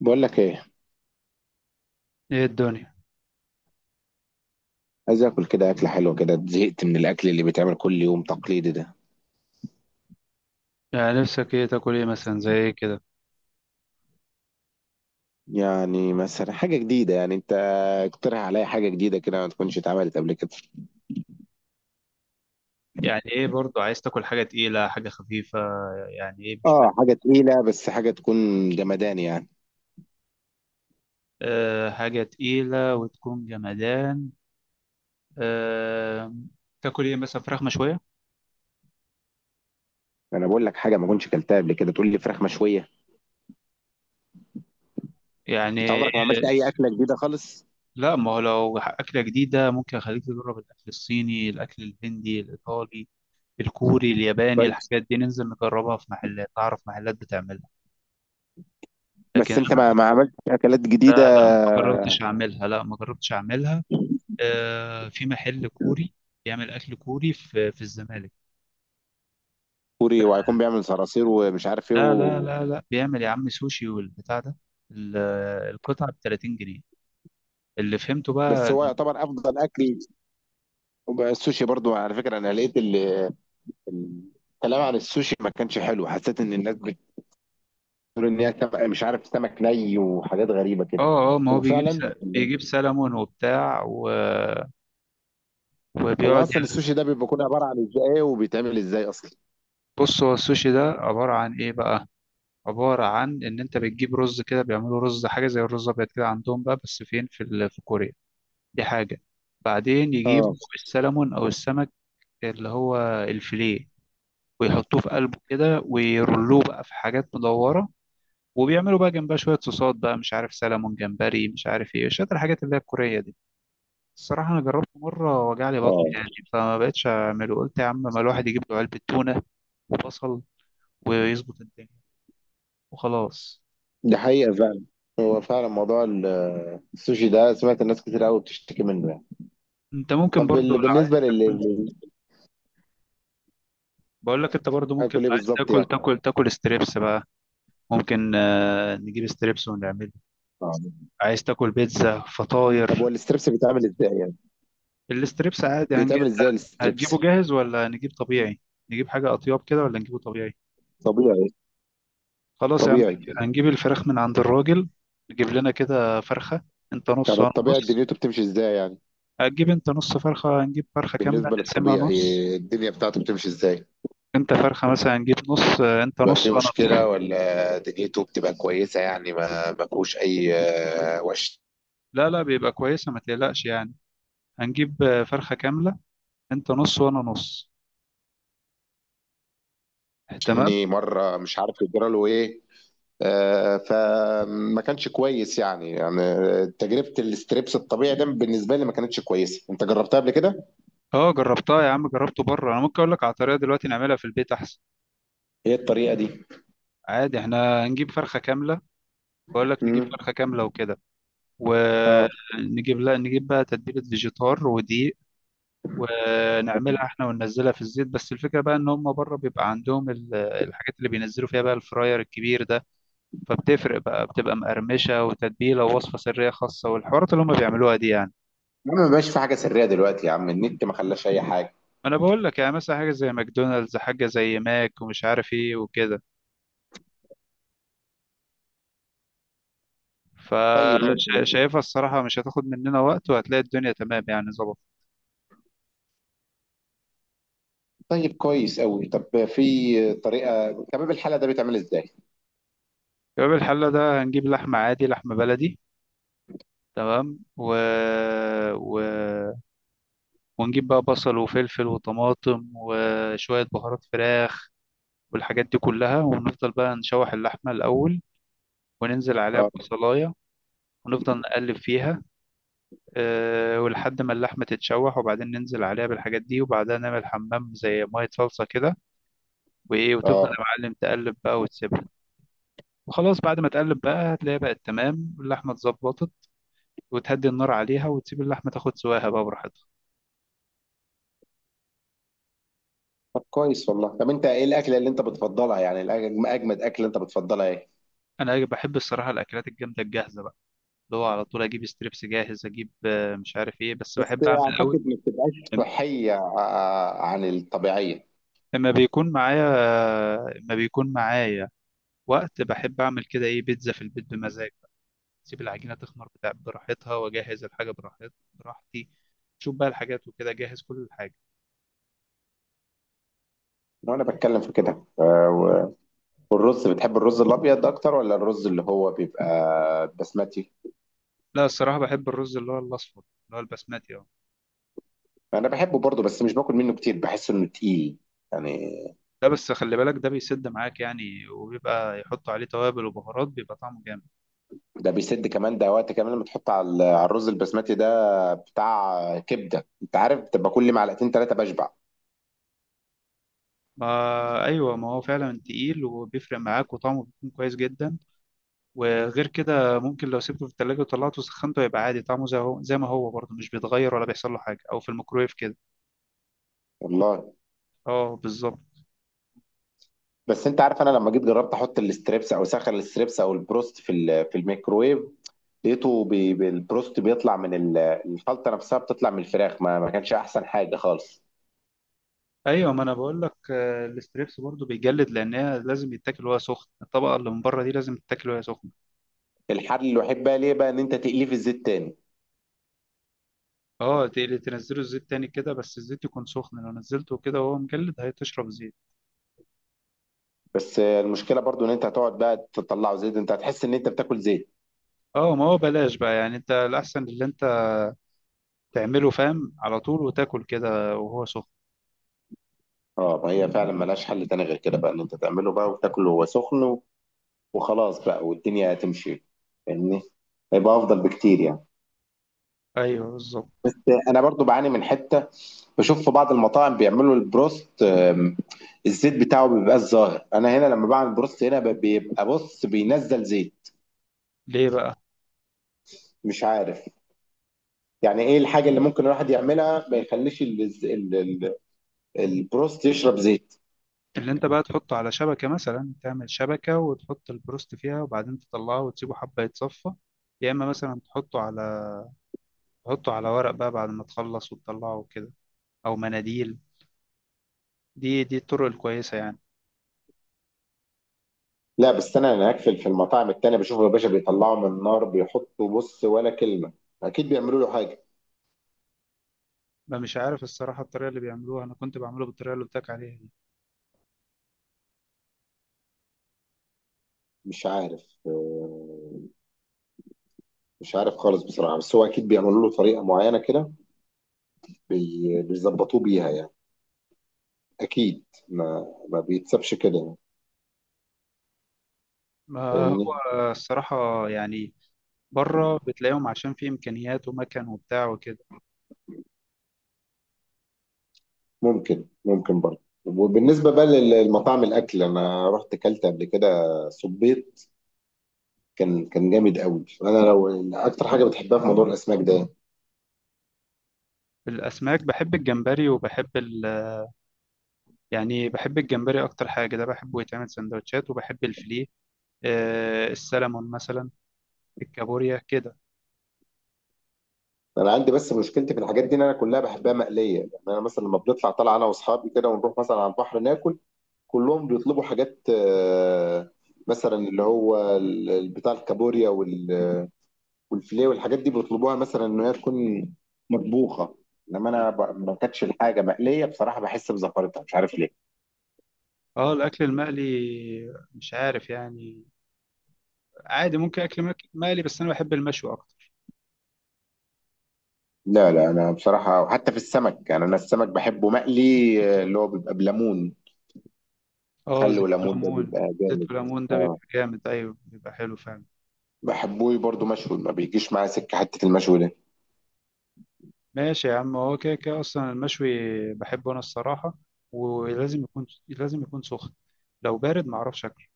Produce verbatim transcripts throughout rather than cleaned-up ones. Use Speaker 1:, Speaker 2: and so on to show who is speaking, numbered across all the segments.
Speaker 1: بقول لك ايه؟
Speaker 2: ايه الدنيا.
Speaker 1: عايز اكل كده، اكله حلوه كده، زهقت من الاكل اللي بيتعمل كل يوم تقليدي ده.
Speaker 2: يعني نفسك ايه تاكل، ايه مثلا، زي ايه كده؟
Speaker 1: يعني مثلا حاجه جديده، يعني انت اقترح عليا حاجه جديده كده ما تكونش اتعملت قبل كده.
Speaker 2: يعني ايه برضو، عايز تاكل حاجة تقيلة حاجة خفيفة؟ يعني ايه مش فاهم.
Speaker 1: اه، حاجه تقيله بس حاجه تكون جمدان يعني.
Speaker 2: أه، حاجة تقيلة وتكون جمدان. أه. تاكل ايه مثلا؟ فراخ مشوية
Speaker 1: انا بقول لك حاجه ما كنتش اكلتها قبل كده، تقول لي فراخ مشويه؟ انت
Speaker 2: يعني؟
Speaker 1: عمرك ما عملت اي اكله جديده خالص؟
Speaker 2: لا، ما هو لو أكلة جديدة ممكن أخليك تجرب الأكل الصيني، الأكل الهندي، الإيطالي، الكوري، الياباني،
Speaker 1: كويس.
Speaker 2: الحاجات دي ننزل نجربها في محلات، أعرف محلات بتعملها. لكن
Speaker 1: بس انت ما,
Speaker 2: أنا،
Speaker 1: ما عملتش اكلات جديده.
Speaker 2: لا لا، ما جربتش أعملها، لا ما جربتش أعملها آه، في محل كوري بيعمل اكل كوري في في الزمالك.
Speaker 1: كوري، وهيكون بيعمل صراصير ومش عارف ايه
Speaker 2: لا لا
Speaker 1: و.
Speaker 2: لا لا، بيعمل يا عم سوشي والبتاع ده. ال- القطعه ب ثلاثين جنيه. اللي فهمته
Speaker 1: بس
Speaker 2: بقى
Speaker 1: هو
Speaker 2: إن-
Speaker 1: يعتبر افضل اكل. وبقى السوشي برضو على فكره، انا لقيت اللي الكلام عن السوشي ما كانش حلو، حسيت ان الناس بتقول ان هي سمك مش عارف، سمك ني وحاجات غريبه كده.
Speaker 2: اه، اه، ما هو بيجيب س...
Speaker 1: وفعلا.
Speaker 2: بيجيب سلمون وبتاع و...
Speaker 1: هو
Speaker 2: وبيقعد
Speaker 1: اصلا
Speaker 2: ي-
Speaker 1: السوشي ده بيبقى كله عباره عن ازاي ايه؟ وبيتعمل ازاي اصلا؟
Speaker 2: بص، هو السوشي ده عباره عن ايه بقى؟ عباره عن ان انت بتجيب رز كده، بيعملوا رز حاجه زي الرز الابيض كده عندهم بقى، بس فين؟ في ال... في كوريا. دي حاجه. بعدين يجيبوا
Speaker 1: اه،
Speaker 2: السلمون او السمك، اللي هو الفيليه، ويحطوه في قلبه كده ويرلوه بقى في حاجات مدورة، وبيعملوا بقى جنبها شوية صوصات بقى، مش عارف سلمون جمبري مش عارف ايه، شوية الحاجات اللي هي الكورية دي. الصراحة أنا جربته مرة، وجع لي بطني
Speaker 1: اه،
Speaker 2: يعني، فما بقتش أعمله. قلت يا عم ما الواحد يجيب له علبة تونة وبصل ويظبط الدنيا وخلاص.
Speaker 1: دي حقيقه فعلا. هو فعلا موضوع ال- السوشي ده، سمعت الناس كتير قوي بتشتكي منه يعني.
Speaker 2: أنت ممكن
Speaker 1: طب،
Speaker 2: برضو
Speaker 1: ال-
Speaker 2: لو عايز
Speaker 1: بالنسبه لل
Speaker 2: تاكل،
Speaker 1: لل-
Speaker 2: بقول لك أنت برضو ممكن
Speaker 1: اكل
Speaker 2: لو
Speaker 1: ايه
Speaker 2: عايز
Speaker 1: بالظبط
Speaker 2: تاكل،
Speaker 1: يعني؟
Speaker 2: تاكل تاكل ستريبس بقى. ممكن آه، نجيب ستريبس ونعمله.
Speaker 1: آه.
Speaker 2: عايز تاكل بيتزا،
Speaker 1: طب
Speaker 2: فطاير؟
Speaker 1: هو الستريبس بيتعمل ازاي يعني؟
Speaker 2: الستريبس عادي هنجي
Speaker 1: بيتعمل ازاي الستريبس؟
Speaker 2: هتجيبه جاهز ولا نجيب طبيعي؟ نجيب حاجة أطياب كده ولا نجيبه طبيعي؟
Speaker 1: طبيعي.
Speaker 2: خلاص يا عم.
Speaker 1: طبيعي.
Speaker 2: هنجيب الفراخ من عند الراجل، نجيب لنا كده فرخة، انت نص
Speaker 1: يعني
Speaker 2: وانا
Speaker 1: الطبيعي
Speaker 2: نص.
Speaker 1: دنيته بتمشي ازاي يعني؟
Speaker 2: هتجيب انت نص فرخة، هنجيب فرخة كاملة
Speaker 1: بالنسبة
Speaker 2: نقسمها
Speaker 1: للطبيعي،
Speaker 2: نص.
Speaker 1: الدنيا بتاعته بتمشي ازاي؟
Speaker 2: انت فرخة مثلا هنجيب نص، آه، انت
Speaker 1: بيبقى
Speaker 2: نص
Speaker 1: فيه
Speaker 2: وانا نص.
Speaker 1: مشكلة ولا دنيته بتبقى كويسة؟ يعني ما ما فيهوش أي آه،
Speaker 2: لا لا، بيبقى كويسة ما تقلقش يعني. هنجيب آه، فرخة كاملة، انت نص وانا نص. تمام.
Speaker 1: وشني مرة مش عارف يجرى له إيه. آه، فما كانش كويس يعني يعني تجربة الاستريبس الطبيعي ده بالنسبة لي ما كانتش كويسة. أنت جربتها قبل كده؟
Speaker 2: اه جربتها يا عم، جربته بره. انا ممكن اقول لك على طريقة دلوقتي نعملها في البيت احسن.
Speaker 1: هي الطريقة دي؟
Speaker 2: عادي، احنا هنجيب فرخة كاملة، بقول لك نجيب
Speaker 1: امم.
Speaker 2: فرخة كاملة وكده.
Speaker 1: اه.
Speaker 2: ونجيب، لا نجيب بقى تتبيلة فيجيتار ودقيق، ونعملها احنا وننزلها في الزيت. بس الفكرة بقى ان هم بره بيبقى عندهم ال- الحاجات اللي بينزلوا فيها بقى، الفراير الكبير ده، فبتفرق بقى، بتبقى مقرمشة وتتبيلة ووصفة سرية خاصة والحوارات اللي هم بيعملوها دي يعني.
Speaker 1: يا عم، ما بقاش في حاجة سرية دلوقتي. يا عم، النت ما خلاش أي حاجة.
Speaker 2: ما انا بقول لك يعني مثلا حاجة زي ماكدونالدز، حاجة زي ماك ومش عارف ايه وكده.
Speaker 1: طيب، ماشي.
Speaker 2: فشايفها الصراحة مش هتاخد مننا وقت، وهتلاقي الدنيا تمام يعني، ظبط.
Speaker 1: طيب، كويس قوي. طب في طريقة تمام، الحالة ده بيتعمل ازاي؟
Speaker 2: يبقى الحلة ده هنجيب لحمة عادي، لحمة بلدي، تمام، و... و... ونجيب بقى بصل وفلفل وطماطم وشوية بهارات فراخ والحاجات دي كلها، ونفضل بقى نشوح اللحمة الأول، وننزل عليها
Speaker 1: اه.
Speaker 2: ببصلاية، ونفضل نقلب فيها. أه، ولحد ما اللحمة تتشوح، وبعدين ننزل عليها بالحاجات دي، وبعدها نعمل حمام زي مية صلصة كده وإيه، وتفضل
Speaker 1: اه.
Speaker 2: يا معلم تقلب بقى وتسيبها. وخلاص بعد ما تقلب بقى هتلاقيها بقت تمام، اللحمة اتظبطت، وتهدي النار عليها وتسيب اللحمة تاخد سواها بقى براحتها.
Speaker 1: طب كويس والله. طب انت ايه الاكله اللي انت بتفضلها يعني الأج- اجمد اكله انت بتفضلها ايه؟
Speaker 2: انا بحب الصراحه الاكلات الجامده الجاهزه بقى، اللي هو على طول اجيب ستريبس جاهز، اجيب آه، مش عارف ايه، بس
Speaker 1: بس
Speaker 2: بحب اعمل قوي.
Speaker 1: اعتقد ما بتبقاش صحيه آه، عن الطبيعيه.
Speaker 2: اما بيكون معايا اما بيكون معايا وقت بحب اعمل كده ايه، بيتزا في البيت بمزاج بقى، اسيب العجينه تخمر بتاع براحتها، واجهز الحاجه براحت براحتي، شوف بقى الحاجات وكده، جهز كل الحاجه.
Speaker 1: لو انا بتكلم في كده، آه، و- والرز بتحب الرز الابيض اكتر ولا الرز اللي هو بيبقى بسمتي؟
Speaker 2: لا الصراحه بحب الرز اللي هو الاصفر، اللي هو البسمتي اه.
Speaker 1: انا بحبه برضه بس مش باكل منه كتير، بحس انه تقيل يعني.
Speaker 2: ده بس خلي بالك ده بيسد معاك يعني، وبيبقى يحطوا عليه توابل وبهارات، بيبقى طعمه جامد.
Speaker 1: ده بيسد كمان، ده وقت كمان لما تحط على ال- على الرز البسمتي ده بتاع كبده، انت عارف، بتبقى كل معلقتين ثلاثه بشبع.
Speaker 2: ما ايوه، ما هو فعلا تقيل وبيفرق معاك، وطعمه بيكون كويس جدا. وغير كده ممكن لو سبته في التلاجة وطلعته وسخنته يبقى عادي، طعمه زي هو زي ما هو برضه، مش بيتغير ولا بيحصل له حاجه، او في الميكرويف كده.
Speaker 1: والله.
Speaker 2: اه بالظبط.
Speaker 1: بس انت عارف، انا لما جيت جربت احط الستريبس او سخن الستريبس او البروست في ال- في الميكروويف. لقيته بي بي- البروست بيطلع من ال- الخلطه نفسها بتطلع من الفراخ، ما, ما كانش احسن حاجه خالص.
Speaker 2: ايوه، ما انا بقول لك آه، الستريبس برضه بيجلد، لانها لازم يتاكل وهي سخن. الطبقه اللي من بره دي لازم تتاكل وهي سخنه.
Speaker 1: الحل الوحيد بقى ليه بقى ان انت تقليه في الزيت تاني.
Speaker 2: اه، تقلي- تنزله الزيت تاني كده، بس الزيت يكون سخن، لو نزلته كده وهو مجلد هيتشرب زيت.
Speaker 1: بس آه، المشكله برضو ان انت هتقعد بقى تطلعه زيت، انت هتحس ان انت بتاكل زيت.
Speaker 2: اه ما هو بلاش بقى يعني، انت الاحسن اللي انت تعمله فاهم على طول، وتاكل كده وهو سخن.
Speaker 1: اه، ما هي فعلا ملهاش حل تاني غير كده بقى ان انت تعمله بقى وتاكله وهو سخن و- وخلاص بقى والدنيا هتمشي. فاهمني؟ هيبقى افضل بكتير يعني.
Speaker 2: ايوه بالظبط.
Speaker 1: انا برضو بعاني من حته، بشوف في بعض المطاعم بيعملوا البروست آم، الزيت بتاعه ما بيبقاش ظاهر، انا هنا لما بعمل بروست هنا ب- بيبقى بص بينزل زيت.
Speaker 2: ليه بقى؟
Speaker 1: مش عارف. يعني ايه الحاجه اللي ممكن الواحد يعملها ما يخليش ال- ال- ال- البروست يشرب زيت؟
Speaker 2: اللي انت بقى تحطه على شبكه مثلا، تعمل شبكه وتحط البروست فيها، وبعدين تطلعه وتسيبه حبه يتصفى. يا اما مثلا تحطه على تحطه على ورق بقى بعد ما تخلص وتطلعه وكده، او مناديل. دي دي الطرق الكويسه يعني.
Speaker 1: لا بس انا هناك في في المطاعم التانية بشوفه، يا باشا بيطلعوا من النار بيحطوا، بص ولا كلمه. اكيد بيعملوا له حاجه.
Speaker 2: ما مش عارف الصراحه الطريقه اللي بيعملوها، انا كنت بعمله بالطريقه اللي قلت لك عليها دي.
Speaker 1: مش عارف آه، مش عارف خالص بصراحه، بس هو اكيد بيعملوا له طريقه معينه كده. بي- بيظبطوه بيها يعني. اكيد ما ما بيتسابش كده يعني.
Speaker 2: ما
Speaker 1: فاهمني؟
Speaker 2: هو الصراحه يعني، بره بتلاقيهم عشان في امكانيات ومكان وبتاع وكده.
Speaker 1: ممكن ممكن برضه. وبالنسبه بقى للمطاعم، الاكل انا رحت اكلت قبل كده. صبيت. كان كان جامد قوي. انا لو. اكتر حاجه بتحبها في موضوع الاسماك ده؟
Speaker 2: الاسماك بحب الجمبري وبحب ال، يعني بحب الجمبري اكتر حاجه، ده بحبه يتعمل سندوتشات، وبحب الفيليه آه، السلمون مثلا، الكابوريا كده.
Speaker 1: انا عندي بس مشكلتي في الحاجات دي ان انا كلها بحبها مقليه، يعني انا مثلا لما بنطلع طالع انا واصحابي كده ونروح مثلا على البحر ناكل. كلهم بيطلبوا حاجات آه، مثلا اللي هو ال- بتاع الكابوريا والفيليه والحاجات دي بيطلبوها مثلا ان هي تكون مطبوخه. انما انا ب- ما كانتش الحاجه مقليه بصراحه، بحس بزفرتها مش عارف ليه.
Speaker 2: اه الاكل المقلي مش عارف يعني، عادي ممكن اكل مك- مقلي، بس انا بحب المشوي اكتر.
Speaker 1: لا، لا، انا بصراحه، وحتى في السمك يعني انا السمك بحبه مقلي. آه، اللي هو بيبقى بليمون.
Speaker 2: اه،
Speaker 1: خل
Speaker 2: زيت
Speaker 1: وليمون، ده
Speaker 2: وليمون.
Speaker 1: بيبقى جامد.
Speaker 2: زيت وليمون ده
Speaker 1: اه.
Speaker 2: بيبقى جامد، ايوه بيبقى حلو فعلا.
Speaker 1: بحبه برضو مشوي، ما بيجيش معايا سكه حته المشوي ده.
Speaker 2: ماشي يا عم. هو كده كده اصلا المشوي بحبه انا الصراحه، ولازم يكون، لازم يكون سخن، لو بارد معرفش اكله.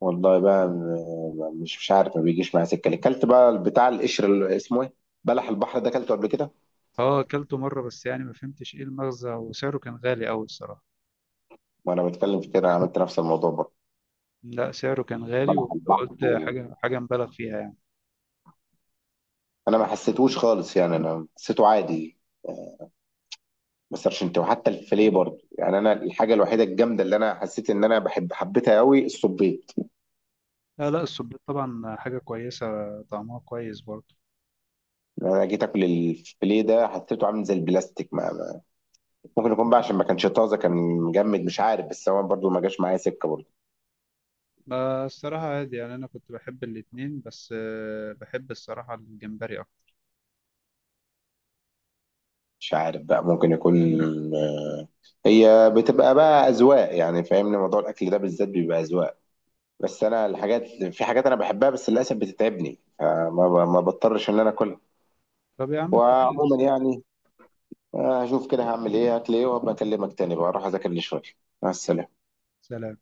Speaker 1: والله بقى م- مش مش عارف ما بيجيش معايا سكه ليه. كلت بقى بتاع القشر اللي اسمه ايه؟ بلح البحر ده، كلته قبل كده.
Speaker 2: اه اكلته مره، بس يعني ما فهمتش ايه المغزى، وسعره كان غالي قوي الصراحه.
Speaker 1: وانا بتكلم في كده، عملت نفس الموضوع برضه.
Speaker 2: لا سعره كان غالي،
Speaker 1: بلح
Speaker 2: وقلت
Speaker 1: البحر
Speaker 2: حاجة، حاجة مبالغ فيها يعني.
Speaker 1: انا ما حسيتهوش خالص، يعني انا حسيته عادي. ما سرشنت. وحتى الفيليه برضه، يعني انا الحاجه الوحيده الجامده اللي انا حسيت ان انا بحب حبيتها قوي الصبيط.
Speaker 2: لا لا، السبيط طبعا حاجة كويسة، طعمها كويس برضه.
Speaker 1: يعني انا جيت اكل الفيليه ده، حسيته عامل زي البلاستيك ما ما- ممكن يكون بقى عشان ما كانش طازه، كان مجمد، مش عارف، بس هو برضه ما جاش معايا سكه برضه.
Speaker 2: ما الصراحة عادي يعني، أنا كنت بحب الاتنين، بس آه، بحب الصراحة الجمبري أكتر.
Speaker 1: مش عارف بقى، ممكن يكون. هي بتبقى بقى اذواق يعني، فاهمني، موضوع الاكل ده بالذات بيبقى اذواق. بس انا الحاجات، في حاجات انا بحبها بس للاسف بتتعبني فما ب- ما بضطرش ان انا اكلها.
Speaker 2: طب يا عم كويس.
Speaker 1: وعموما يعني. آه، هشوف كده هعمل ايه هتلاقيه، وابقى اكلمك تاني بقى، اروح اذاكر لي شويه. مع السلامه.
Speaker 2: سلام.